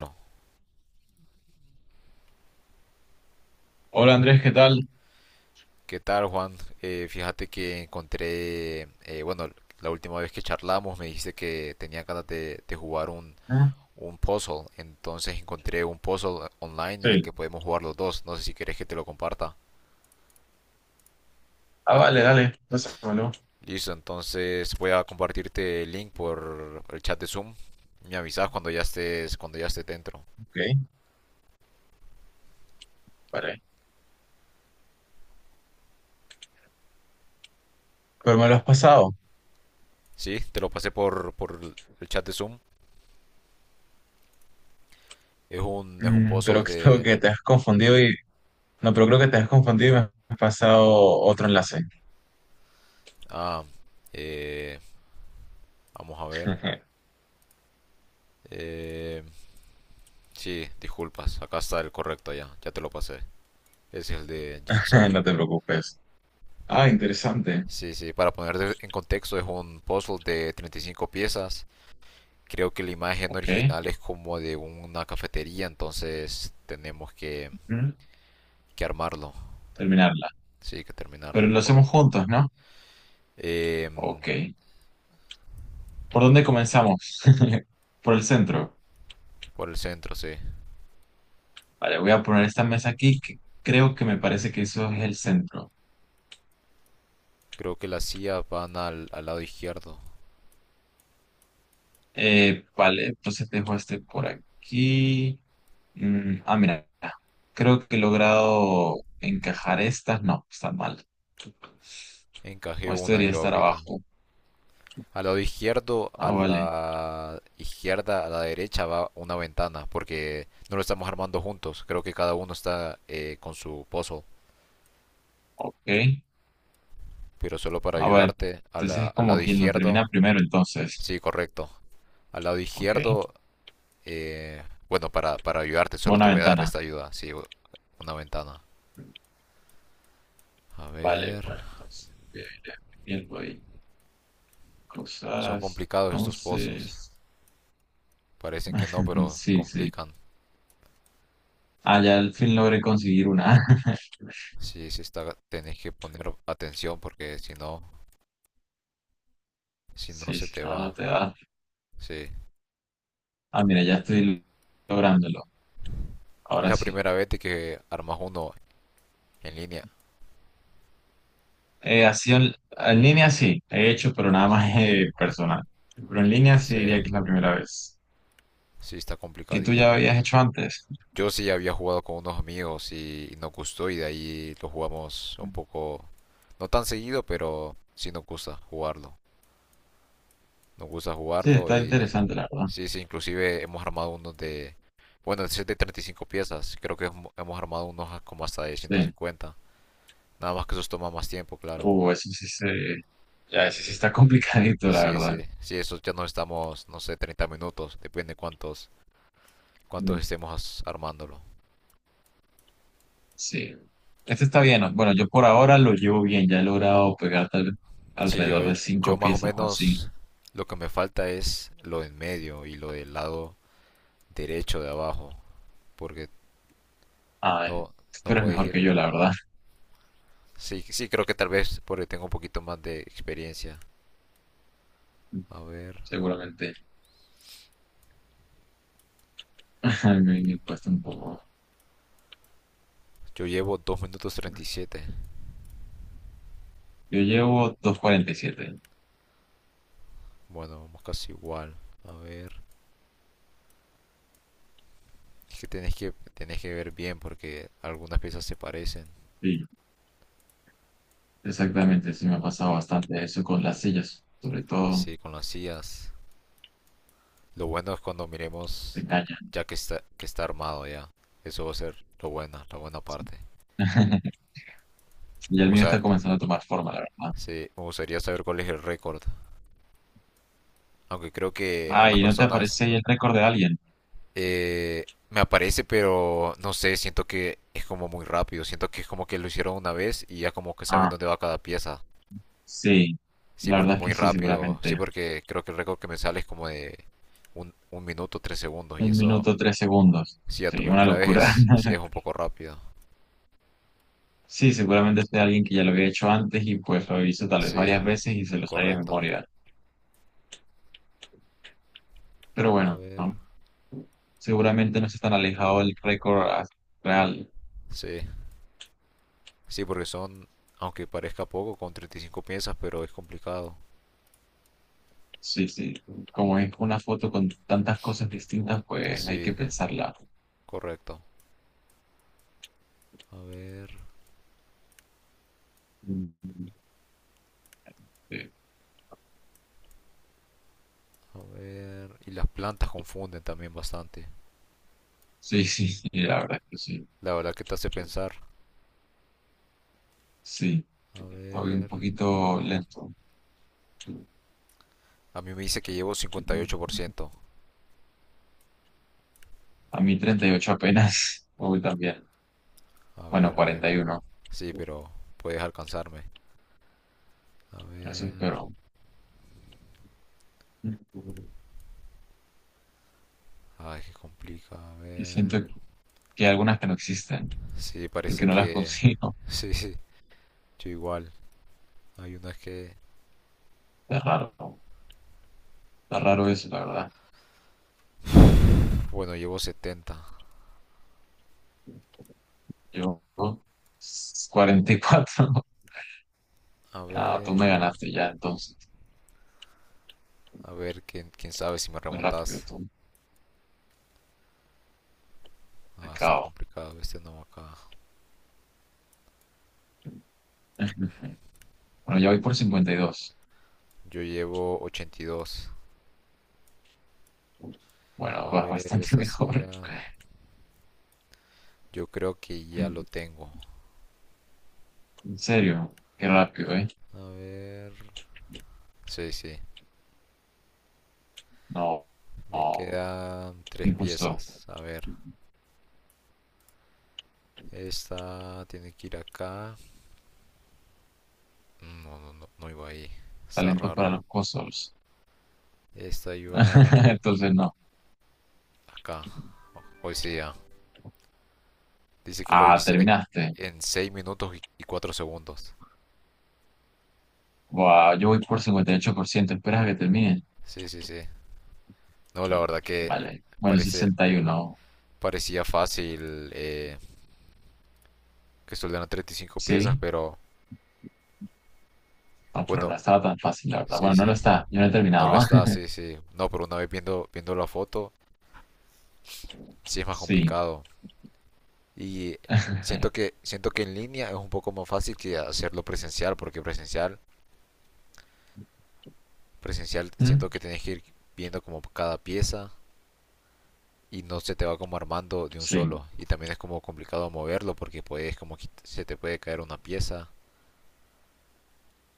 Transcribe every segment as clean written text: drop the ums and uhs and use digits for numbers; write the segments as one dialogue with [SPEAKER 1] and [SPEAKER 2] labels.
[SPEAKER 1] Bueno,
[SPEAKER 2] Hola Andrés, ¿qué tal?
[SPEAKER 1] ¿qué tal, Juan? Fíjate que encontré, bueno, la última vez que charlamos me dijiste que tenía ganas de jugar un,
[SPEAKER 2] Ah,
[SPEAKER 1] un puzzle, entonces encontré un puzzle online
[SPEAKER 2] sí,
[SPEAKER 1] en el que podemos jugar los dos, no sé si querés que te lo comparta.
[SPEAKER 2] ah, vale, dale, pásamelo.
[SPEAKER 1] Listo, entonces voy a compartirte el link por el chat de Zoom. Me avisas cuando ya estés dentro.
[SPEAKER 2] Ok, vale. Pero me lo has pasado.
[SPEAKER 1] Sí, te lo pasé por el chat de Zoom. Es un puzzle
[SPEAKER 2] Pero creo
[SPEAKER 1] de.
[SPEAKER 2] que te has confundido y... No, pero creo que te has confundido y me has pasado otro enlace.
[SPEAKER 1] Ah, eh, vamos a ver. Eh, Sí, disculpas, acá está el correcto ya te lo pasé. Es el de Jigsaw.
[SPEAKER 2] No te preocupes. Ah, interesante.
[SPEAKER 1] Sí, sí, para poner en contexto, es un puzzle de 35 piezas. Creo que la imagen
[SPEAKER 2] Ok.
[SPEAKER 1] original es como de una cafetería, entonces tenemos que,
[SPEAKER 2] Mm.
[SPEAKER 1] que armarlo.
[SPEAKER 2] Terminarla.
[SPEAKER 1] Sí, que
[SPEAKER 2] Pero
[SPEAKER 1] terminarlo,
[SPEAKER 2] lo hacemos
[SPEAKER 1] correcto.
[SPEAKER 2] juntos, ¿no?
[SPEAKER 1] Em,
[SPEAKER 2] Ok. ¿Por dónde comenzamos? Por el centro.
[SPEAKER 1] por el centro, sí.
[SPEAKER 2] Vale, voy a poner esta mesa aquí que creo que me parece que eso es el centro.
[SPEAKER 1] Creo que las sillas van al lado izquierdo.
[SPEAKER 2] Vale, entonces dejo este por aquí. Ah, mira, creo que he logrado encajar estas. No, está mal. O
[SPEAKER 1] Encajé
[SPEAKER 2] esto
[SPEAKER 1] una
[SPEAKER 2] debería
[SPEAKER 1] yo
[SPEAKER 2] estar
[SPEAKER 1] ahorita.
[SPEAKER 2] abajo.
[SPEAKER 1] Al lado izquierdo, a
[SPEAKER 2] Ah, vale.
[SPEAKER 1] la izquierda, a la derecha va una ventana, porque no lo estamos armando juntos. Creo que cada uno está con su puzzle.
[SPEAKER 2] Ok.
[SPEAKER 1] Pero solo para
[SPEAKER 2] Ah, vale.
[SPEAKER 1] ayudarte,
[SPEAKER 2] Entonces es
[SPEAKER 1] al
[SPEAKER 2] como
[SPEAKER 1] lado
[SPEAKER 2] quien lo
[SPEAKER 1] izquierdo,
[SPEAKER 2] termina primero, entonces.
[SPEAKER 1] sí, correcto. Al lado
[SPEAKER 2] Ok.
[SPEAKER 1] izquierdo, eh, bueno, para ayudarte, solo
[SPEAKER 2] Buena
[SPEAKER 1] te voy a dar
[SPEAKER 2] ventana.
[SPEAKER 1] esta ayuda, sí, una ventana. A
[SPEAKER 2] Vale,
[SPEAKER 1] ver,
[SPEAKER 2] bueno, entonces voy viendo ahí
[SPEAKER 1] son
[SPEAKER 2] cosas.
[SPEAKER 1] complicados estos puzzles.
[SPEAKER 2] Entonces,
[SPEAKER 1] Parecen que no, pero
[SPEAKER 2] sí, sí.
[SPEAKER 1] complican.
[SPEAKER 2] Ah, ya al fin logré conseguir una.
[SPEAKER 1] Sí, sí está, tenés que poner atención porque si no
[SPEAKER 2] Sí,
[SPEAKER 1] se
[SPEAKER 2] sí,
[SPEAKER 1] te
[SPEAKER 2] no, no
[SPEAKER 1] va.
[SPEAKER 2] te da.
[SPEAKER 1] Sí.
[SPEAKER 2] Ah, mira, ya estoy lográndolo.
[SPEAKER 1] Es
[SPEAKER 2] Ahora
[SPEAKER 1] la
[SPEAKER 2] sí.
[SPEAKER 1] primera vez de que armas uno en línea.
[SPEAKER 2] Así en línea sí, he hecho, pero nada más personal. Pero en línea sí
[SPEAKER 1] Sí,
[SPEAKER 2] diría que es la primera vez.
[SPEAKER 1] sí está
[SPEAKER 2] ¿Y tú
[SPEAKER 1] complicadito.
[SPEAKER 2] ya habías hecho antes?
[SPEAKER 1] Yo sí había jugado con unos amigos y, nos gustó y de ahí lo jugamos un poco, no tan seguido, pero sí nos gusta jugarlo. Nos gusta
[SPEAKER 2] Sí,
[SPEAKER 1] jugarlo
[SPEAKER 2] está
[SPEAKER 1] y
[SPEAKER 2] interesante, la verdad.
[SPEAKER 1] sí, sí, inclusive hemos armado unos de, bueno, ese es de 35 piezas, creo que hemos armado unos como hasta de ciento
[SPEAKER 2] Sí.
[SPEAKER 1] cincuenta. Nada más que esos toma más tiempo, claro.
[SPEAKER 2] Eso sí se... Ya, eso sí está complicadito, la
[SPEAKER 1] Sí,
[SPEAKER 2] verdad.
[SPEAKER 1] sí, sí, esos ya nos estamos, no sé, 30 minutos, depende cuántos
[SPEAKER 2] Mm,
[SPEAKER 1] estemos armándolo.
[SPEAKER 2] sí. Este está bien, ¿no? Bueno, yo por ahora lo llevo bien. Ya he logrado pegar
[SPEAKER 1] Sí, yo,
[SPEAKER 2] alrededor de
[SPEAKER 1] yo
[SPEAKER 2] cinco
[SPEAKER 1] más o
[SPEAKER 2] piezas o así.
[SPEAKER 1] menos lo que me falta es lo en medio y lo del lado derecho de abajo. Porque
[SPEAKER 2] A ver,
[SPEAKER 1] no, no
[SPEAKER 2] tú eres
[SPEAKER 1] puedes
[SPEAKER 2] mejor
[SPEAKER 1] ir.
[SPEAKER 2] que yo, la verdad.
[SPEAKER 1] Sí, sí, creo que tal vez porque tengo un poquito más de experiencia. A ver.
[SPEAKER 2] Seguramente. Me cuesta un poco.
[SPEAKER 1] Yo llevo 2 minutos 37.
[SPEAKER 2] Yo llevo 247.
[SPEAKER 1] Bueno, vamos casi igual. A ver. Es que tenés que ver bien porque algunas piezas se parecen.
[SPEAKER 2] Sí. Exactamente, sí me ha pasado bastante eso con las sillas, sobre todo
[SPEAKER 1] Sí, con las sillas. Lo bueno es cuando
[SPEAKER 2] te
[SPEAKER 1] miremos
[SPEAKER 2] engañan.
[SPEAKER 1] ya que está armado ya. Eso va a ser lo bueno la buena parte.
[SPEAKER 2] Y
[SPEAKER 1] Me
[SPEAKER 2] el mío está
[SPEAKER 1] gustar-
[SPEAKER 2] comenzando a tomar forma, la verdad.
[SPEAKER 1] sí, me gustaría saber cuál es el récord. Aunque creo que unas
[SPEAKER 2] Ay, ¿no te
[SPEAKER 1] personas
[SPEAKER 2] aparece ahí el récord de alguien?
[SPEAKER 1] me aparece, pero no sé, siento que es como muy rápido. Siento que es como que lo hicieron una vez y ya como que saben
[SPEAKER 2] Ah,
[SPEAKER 1] dónde va cada pieza.
[SPEAKER 2] sí,
[SPEAKER 1] Sí,
[SPEAKER 2] la
[SPEAKER 1] porque
[SPEAKER 2] verdad es
[SPEAKER 1] muy
[SPEAKER 2] que sí,
[SPEAKER 1] rápido. Sí,
[SPEAKER 2] seguramente.
[SPEAKER 1] porque creo que el récord que me sale es como de un minuto, tres segundos. Y
[SPEAKER 2] Un
[SPEAKER 1] eso,
[SPEAKER 2] minuto, tres segundos.
[SPEAKER 1] sí, a tu
[SPEAKER 2] Sí, una
[SPEAKER 1] primera vez
[SPEAKER 2] locura.
[SPEAKER 1] es, sí, es un poco rápido.
[SPEAKER 2] Sí, seguramente sea alguien que ya lo había hecho antes y pues lo hizo tal vez
[SPEAKER 1] Sí,
[SPEAKER 2] varias veces y se lo sabía de
[SPEAKER 1] correcto.
[SPEAKER 2] memoria. Pero
[SPEAKER 1] A
[SPEAKER 2] bueno,
[SPEAKER 1] ver.
[SPEAKER 2] ¿no? Seguramente no es tan alejado del récord real.
[SPEAKER 1] Sí, sí, porque son, aunque parezca poco, con 35 piezas, pero es complicado.
[SPEAKER 2] Sí, sí. Como es una foto con tantas cosas distintas, pues hay
[SPEAKER 1] Sí,
[SPEAKER 2] que pensarla.
[SPEAKER 1] correcto. A ver,
[SPEAKER 2] Mm, eh,
[SPEAKER 1] a ver. Y las plantas confunden también bastante.
[SPEAKER 2] sí, sí, sí, la verdad es que sí.
[SPEAKER 1] La verdad que te hace pensar.
[SPEAKER 2] Sí,
[SPEAKER 1] A
[SPEAKER 2] estoy un
[SPEAKER 1] ver.
[SPEAKER 2] poquito lento.
[SPEAKER 1] A mí me dice que llevo 58%.
[SPEAKER 2] A mí 38 apenas. Uy, también.
[SPEAKER 1] A
[SPEAKER 2] Bueno,
[SPEAKER 1] ver, a ver.
[SPEAKER 2] 41.
[SPEAKER 1] Sí, pero puedes alcanzarme. A
[SPEAKER 2] Eso
[SPEAKER 1] ver.
[SPEAKER 2] espero.
[SPEAKER 1] Ay, que complica. A
[SPEAKER 2] Que
[SPEAKER 1] ver.
[SPEAKER 2] siento que hay algunas que no existen,
[SPEAKER 1] Sí,
[SPEAKER 2] porque
[SPEAKER 1] parecen
[SPEAKER 2] no las
[SPEAKER 1] que.
[SPEAKER 2] consigo.
[SPEAKER 1] Sí, sí. Yo igual. Hay unas que.
[SPEAKER 2] Está raro. Está raro eso, la verdad.
[SPEAKER 1] Bueno, llevo 70.
[SPEAKER 2] Yo, 44.
[SPEAKER 1] A
[SPEAKER 2] Ah, tú me
[SPEAKER 1] ver,
[SPEAKER 2] ganaste ya, entonces.
[SPEAKER 1] a ver, quién sabe si me
[SPEAKER 2] Muy rápido,
[SPEAKER 1] remontas.
[SPEAKER 2] tú. Al
[SPEAKER 1] Ah, está
[SPEAKER 2] cabo.
[SPEAKER 1] complicado este no acá.
[SPEAKER 2] Bueno, ya voy por 52.
[SPEAKER 1] Yo llevo 82.
[SPEAKER 2] Bueno,
[SPEAKER 1] A
[SPEAKER 2] va
[SPEAKER 1] ver,
[SPEAKER 2] bastante
[SPEAKER 1] esta
[SPEAKER 2] mejor.
[SPEAKER 1] silla. Yo creo que ya lo tengo.
[SPEAKER 2] En serio, qué rápido, ¿eh?
[SPEAKER 1] A ver. Sí, sí.
[SPEAKER 2] No,
[SPEAKER 1] Me
[SPEAKER 2] no,
[SPEAKER 1] quedan tres
[SPEAKER 2] injusto.
[SPEAKER 1] piezas. A ver. Esta tiene que ir acá. No, no, no, no iba ahí. Está
[SPEAKER 2] Talentos para
[SPEAKER 1] raro.
[SPEAKER 2] los cosos.
[SPEAKER 1] Esta iba
[SPEAKER 2] Entonces, no.
[SPEAKER 1] acá. Hoy sí ya. Dice que lo
[SPEAKER 2] Ah,
[SPEAKER 1] hice
[SPEAKER 2] terminaste.
[SPEAKER 1] en 6 minutos y 4 segundos.
[SPEAKER 2] Buah, yo voy por 58%. ¿Esperas a que termine?
[SPEAKER 1] Sí, sí, sí. No, la verdad que
[SPEAKER 2] Vale. Bueno,
[SPEAKER 1] parece,
[SPEAKER 2] 61.
[SPEAKER 1] parecía fácil que soldaran 35 piezas,
[SPEAKER 2] Sí.
[SPEAKER 1] pero
[SPEAKER 2] No, pero no
[SPEAKER 1] bueno,
[SPEAKER 2] estaba tan fácil, la verdad.
[SPEAKER 1] sí,
[SPEAKER 2] Bueno, no
[SPEAKER 1] sí,
[SPEAKER 2] lo está. Yo no he
[SPEAKER 1] no lo
[SPEAKER 2] terminado.
[SPEAKER 1] está, sí, sí. No, pero una vez viendo la foto, sí es más
[SPEAKER 2] Sí.
[SPEAKER 1] complicado. Y siento que en línea es un poco más fácil que hacerlo presencial, porque presencial
[SPEAKER 2] ¿Mm?
[SPEAKER 1] siento que tenés que ir viendo como cada pieza y no se te va como armando de un
[SPEAKER 2] Sí.
[SPEAKER 1] solo. Y también es como complicado moverlo porque puedes como se te puede caer una pieza.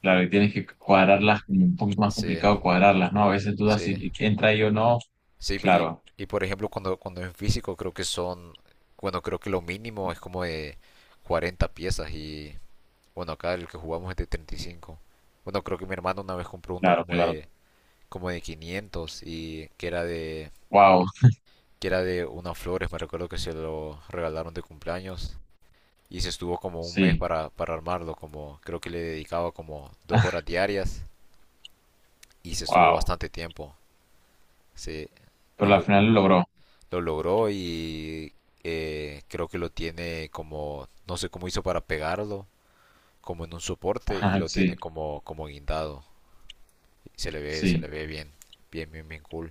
[SPEAKER 2] Claro, y tienes que cuadrarlas, como un poquito más
[SPEAKER 1] Sí,
[SPEAKER 2] complicado cuadrarlas, ¿no? A veces dudas si
[SPEAKER 1] sí.
[SPEAKER 2] entra ahí o no.
[SPEAKER 1] Sí,
[SPEAKER 2] Claro,
[SPEAKER 1] y por ejemplo, cuando en físico creo que son, bueno, creo que lo mínimo es como de 40 piezas y, bueno, acá el que jugamos es de 35. Bueno, creo que mi hermano una vez compró uno
[SPEAKER 2] claro, claro.
[SPEAKER 1] como de 500 y
[SPEAKER 2] Wow,
[SPEAKER 1] que era de unas flores, me recuerdo que se lo regalaron de cumpleaños y se estuvo como un mes
[SPEAKER 2] sí,
[SPEAKER 1] para armarlo, como creo que le dedicaba como dos horas diarias y se estuvo
[SPEAKER 2] wow.
[SPEAKER 1] bastante tiempo. Sí, y
[SPEAKER 2] Pero al final lo logró.
[SPEAKER 1] lo logró y creo que lo tiene como, no sé cómo hizo para pegarlo, como en un soporte y
[SPEAKER 2] Ajá,
[SPEAKER 1] lo
[SPEAKER 2] sí,
[SPEAKER 1] tiene como guindado. Se le
[SPEAKER 2] sí.
[SPEAKER 1] ve bien, bien, bien, bien cool.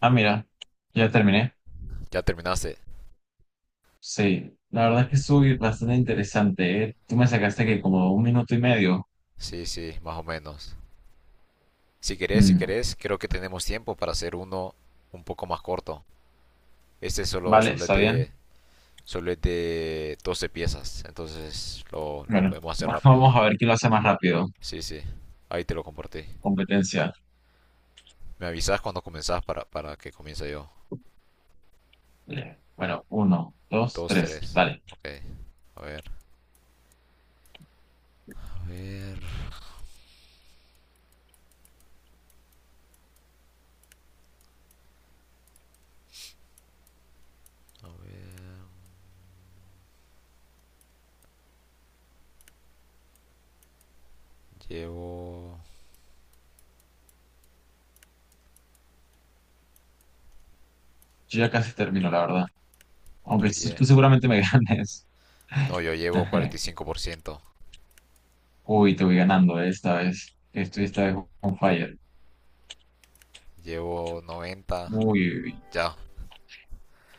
[SPEAKER 2] Ah, mira, ya terminé.
[SPEAKER 1] ¿Ya terminaste?
[SPEAKER 2] Sí, la verdad es que estuvo bastante interesante, ¿eh? Tú me sacaste que como un minuto y medio.
[SPEAKER 1] Sí, sí, más o menos. Si
[SPEAKER 2] Mm,
[SPEAKER 1] querés, creo que tenemos tiempo para hacer uno un poco más corto. Este
[SPEAKER 2] Vale, está bien.
[SPEAKER 1] solo es de 12 piezas, entonces lo
[SPEAKER 2] Bueno,
[SPEAKER 1] podemos hacer rápido.
[SPEAKER 2] vamos a ver quién lo hace más rápido.
[SPEAKER 1] Sí, sí, ahí te lo compartí.
[SPEAKER 2] Competencia.
[SPEAKER 1] Me avisas cuando comenzás para que comience yo.
[SPEAKER 2] Vale. Bueno, uno, dos,
[SPEAKER 1] Dos,
[SPEAKER 2] tres,
[SPEAKER 1] tres.
[SPEAKER 2] dale.
[SPEAKER 1] Ok. A ver. A ver. Llevo.
[SPEAKER 2] Yo ya casi termino, la verdad.
[SPEAKER 1] Yo
[SPEAKER 2] Aunque tú
[SPEAKER 1] lle.
[SPEAKER 2] tú seguramente me ganes.
[SPEAKER 1] No, yo llevo 45%.
[SPEAKER 2] Uy, te voy ganando esta vez. Estoy esta vez on fire.
[SPEAKER 1] Llevo 90.
[SPEAKER 2] Uy, uy, uy.
[SPEAKER 1] Ya.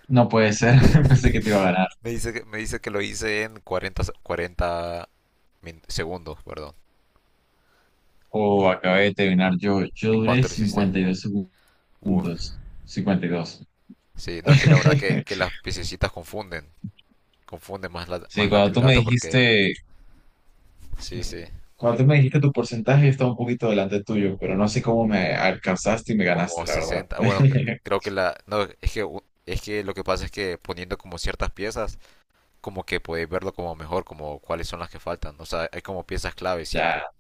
[SPEAKER 2] No puede ser. Pensé que te iba a ganar.
[SPEAKER 1] Me dice que lo hice en segundos, perdón.
[SPEAKER 2] Oh, acabé de terminar yo. Yo
[SPEAKER 1] ¿En
[SPEAKER 2] duré
[SPEAKER 1] cuánto lo hiciste?
[SPEAKER 2] 52 segundos.
[SPEAKER 1] Uf.
[SPEAKER 2] 52.
[SPEAKER 1] Sí, no, es que la verdad que las piececitas confunden. Confunden más
[SPEAKER 2] Sí,
[SPEAKER 1] más la
[SPEAKER 2] cuando
[SPEAKER 1] del
[SPEAKER 2] tú me
[SPEAKER 1] gato porque.
[SPEAKER 2] dijiste,
[SPEAKER 1] Sí, sí.
[SPEAKER 2] cuando tú me dijiste tu porcentaje, yo estaba un poquito delante tuyo, pero no sé cómo me alcanzaste y me
[SPEAKER 1] Como
[SPEAKER 2] ganaste, la verdad.
[SPEAKER 1] 60. Bueno, creo que la. No, es que lo que pasa es que poniendo como ciertas piezas como que podéis verlo como mejor, como cuáles son las que faltan. ¿No? O sea, hay como piezas clave, siento.
[SPEAKER 2] Ya,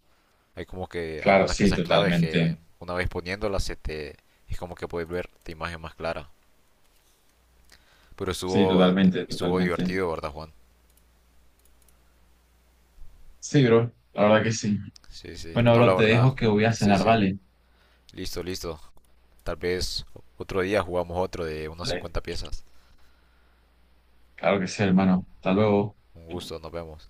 [SPEAKER 1] Hay como que
[SPEAKER 2] claro,
[SPEAKER 1] algunas
[SPEAKER 2] sí,
[SPEAKER 1] piezas claves
[SPEAKER 2] totalmente.
[SPEAKER 1] que una vez poniéndolas se te, es como que podéis ver la imagen más clara. Pero
[SPEAKER 2] Sí, totalmente,
[SPEAKER 1] estuvo
[SPEAKER 2] totalmente.
[SPEAKER 1] divertido, ¿verdad, Juan?
[SPEAKER 2] Sí, bro, la verdad que sí.
[SPEAKER 1] Sí, sí.
[SPEAKER 2] Bueno,
[SPEAKER 1] No, la
[SPEAKER 2] bro, te
[SPEAKER 1] verdad.
[SPEAKER 2] dejo que voy a
[SPEAKER 1] Sí,
[SPEAKER 2] cenar,
[SPEAKER 1] sí.
[SPEAKER 2] ¿vale?
[SPEAKER 1] Listo, listo. Tal vez otro día jugamos otro de unas
[SPEAKER 2] Vale,
[SPEAKER 1] 50 piezas.
[SPEAKER 2] claro que sí, hermano. Hasta luego.
[SPEAKER 1] Un gusto, nos vemos.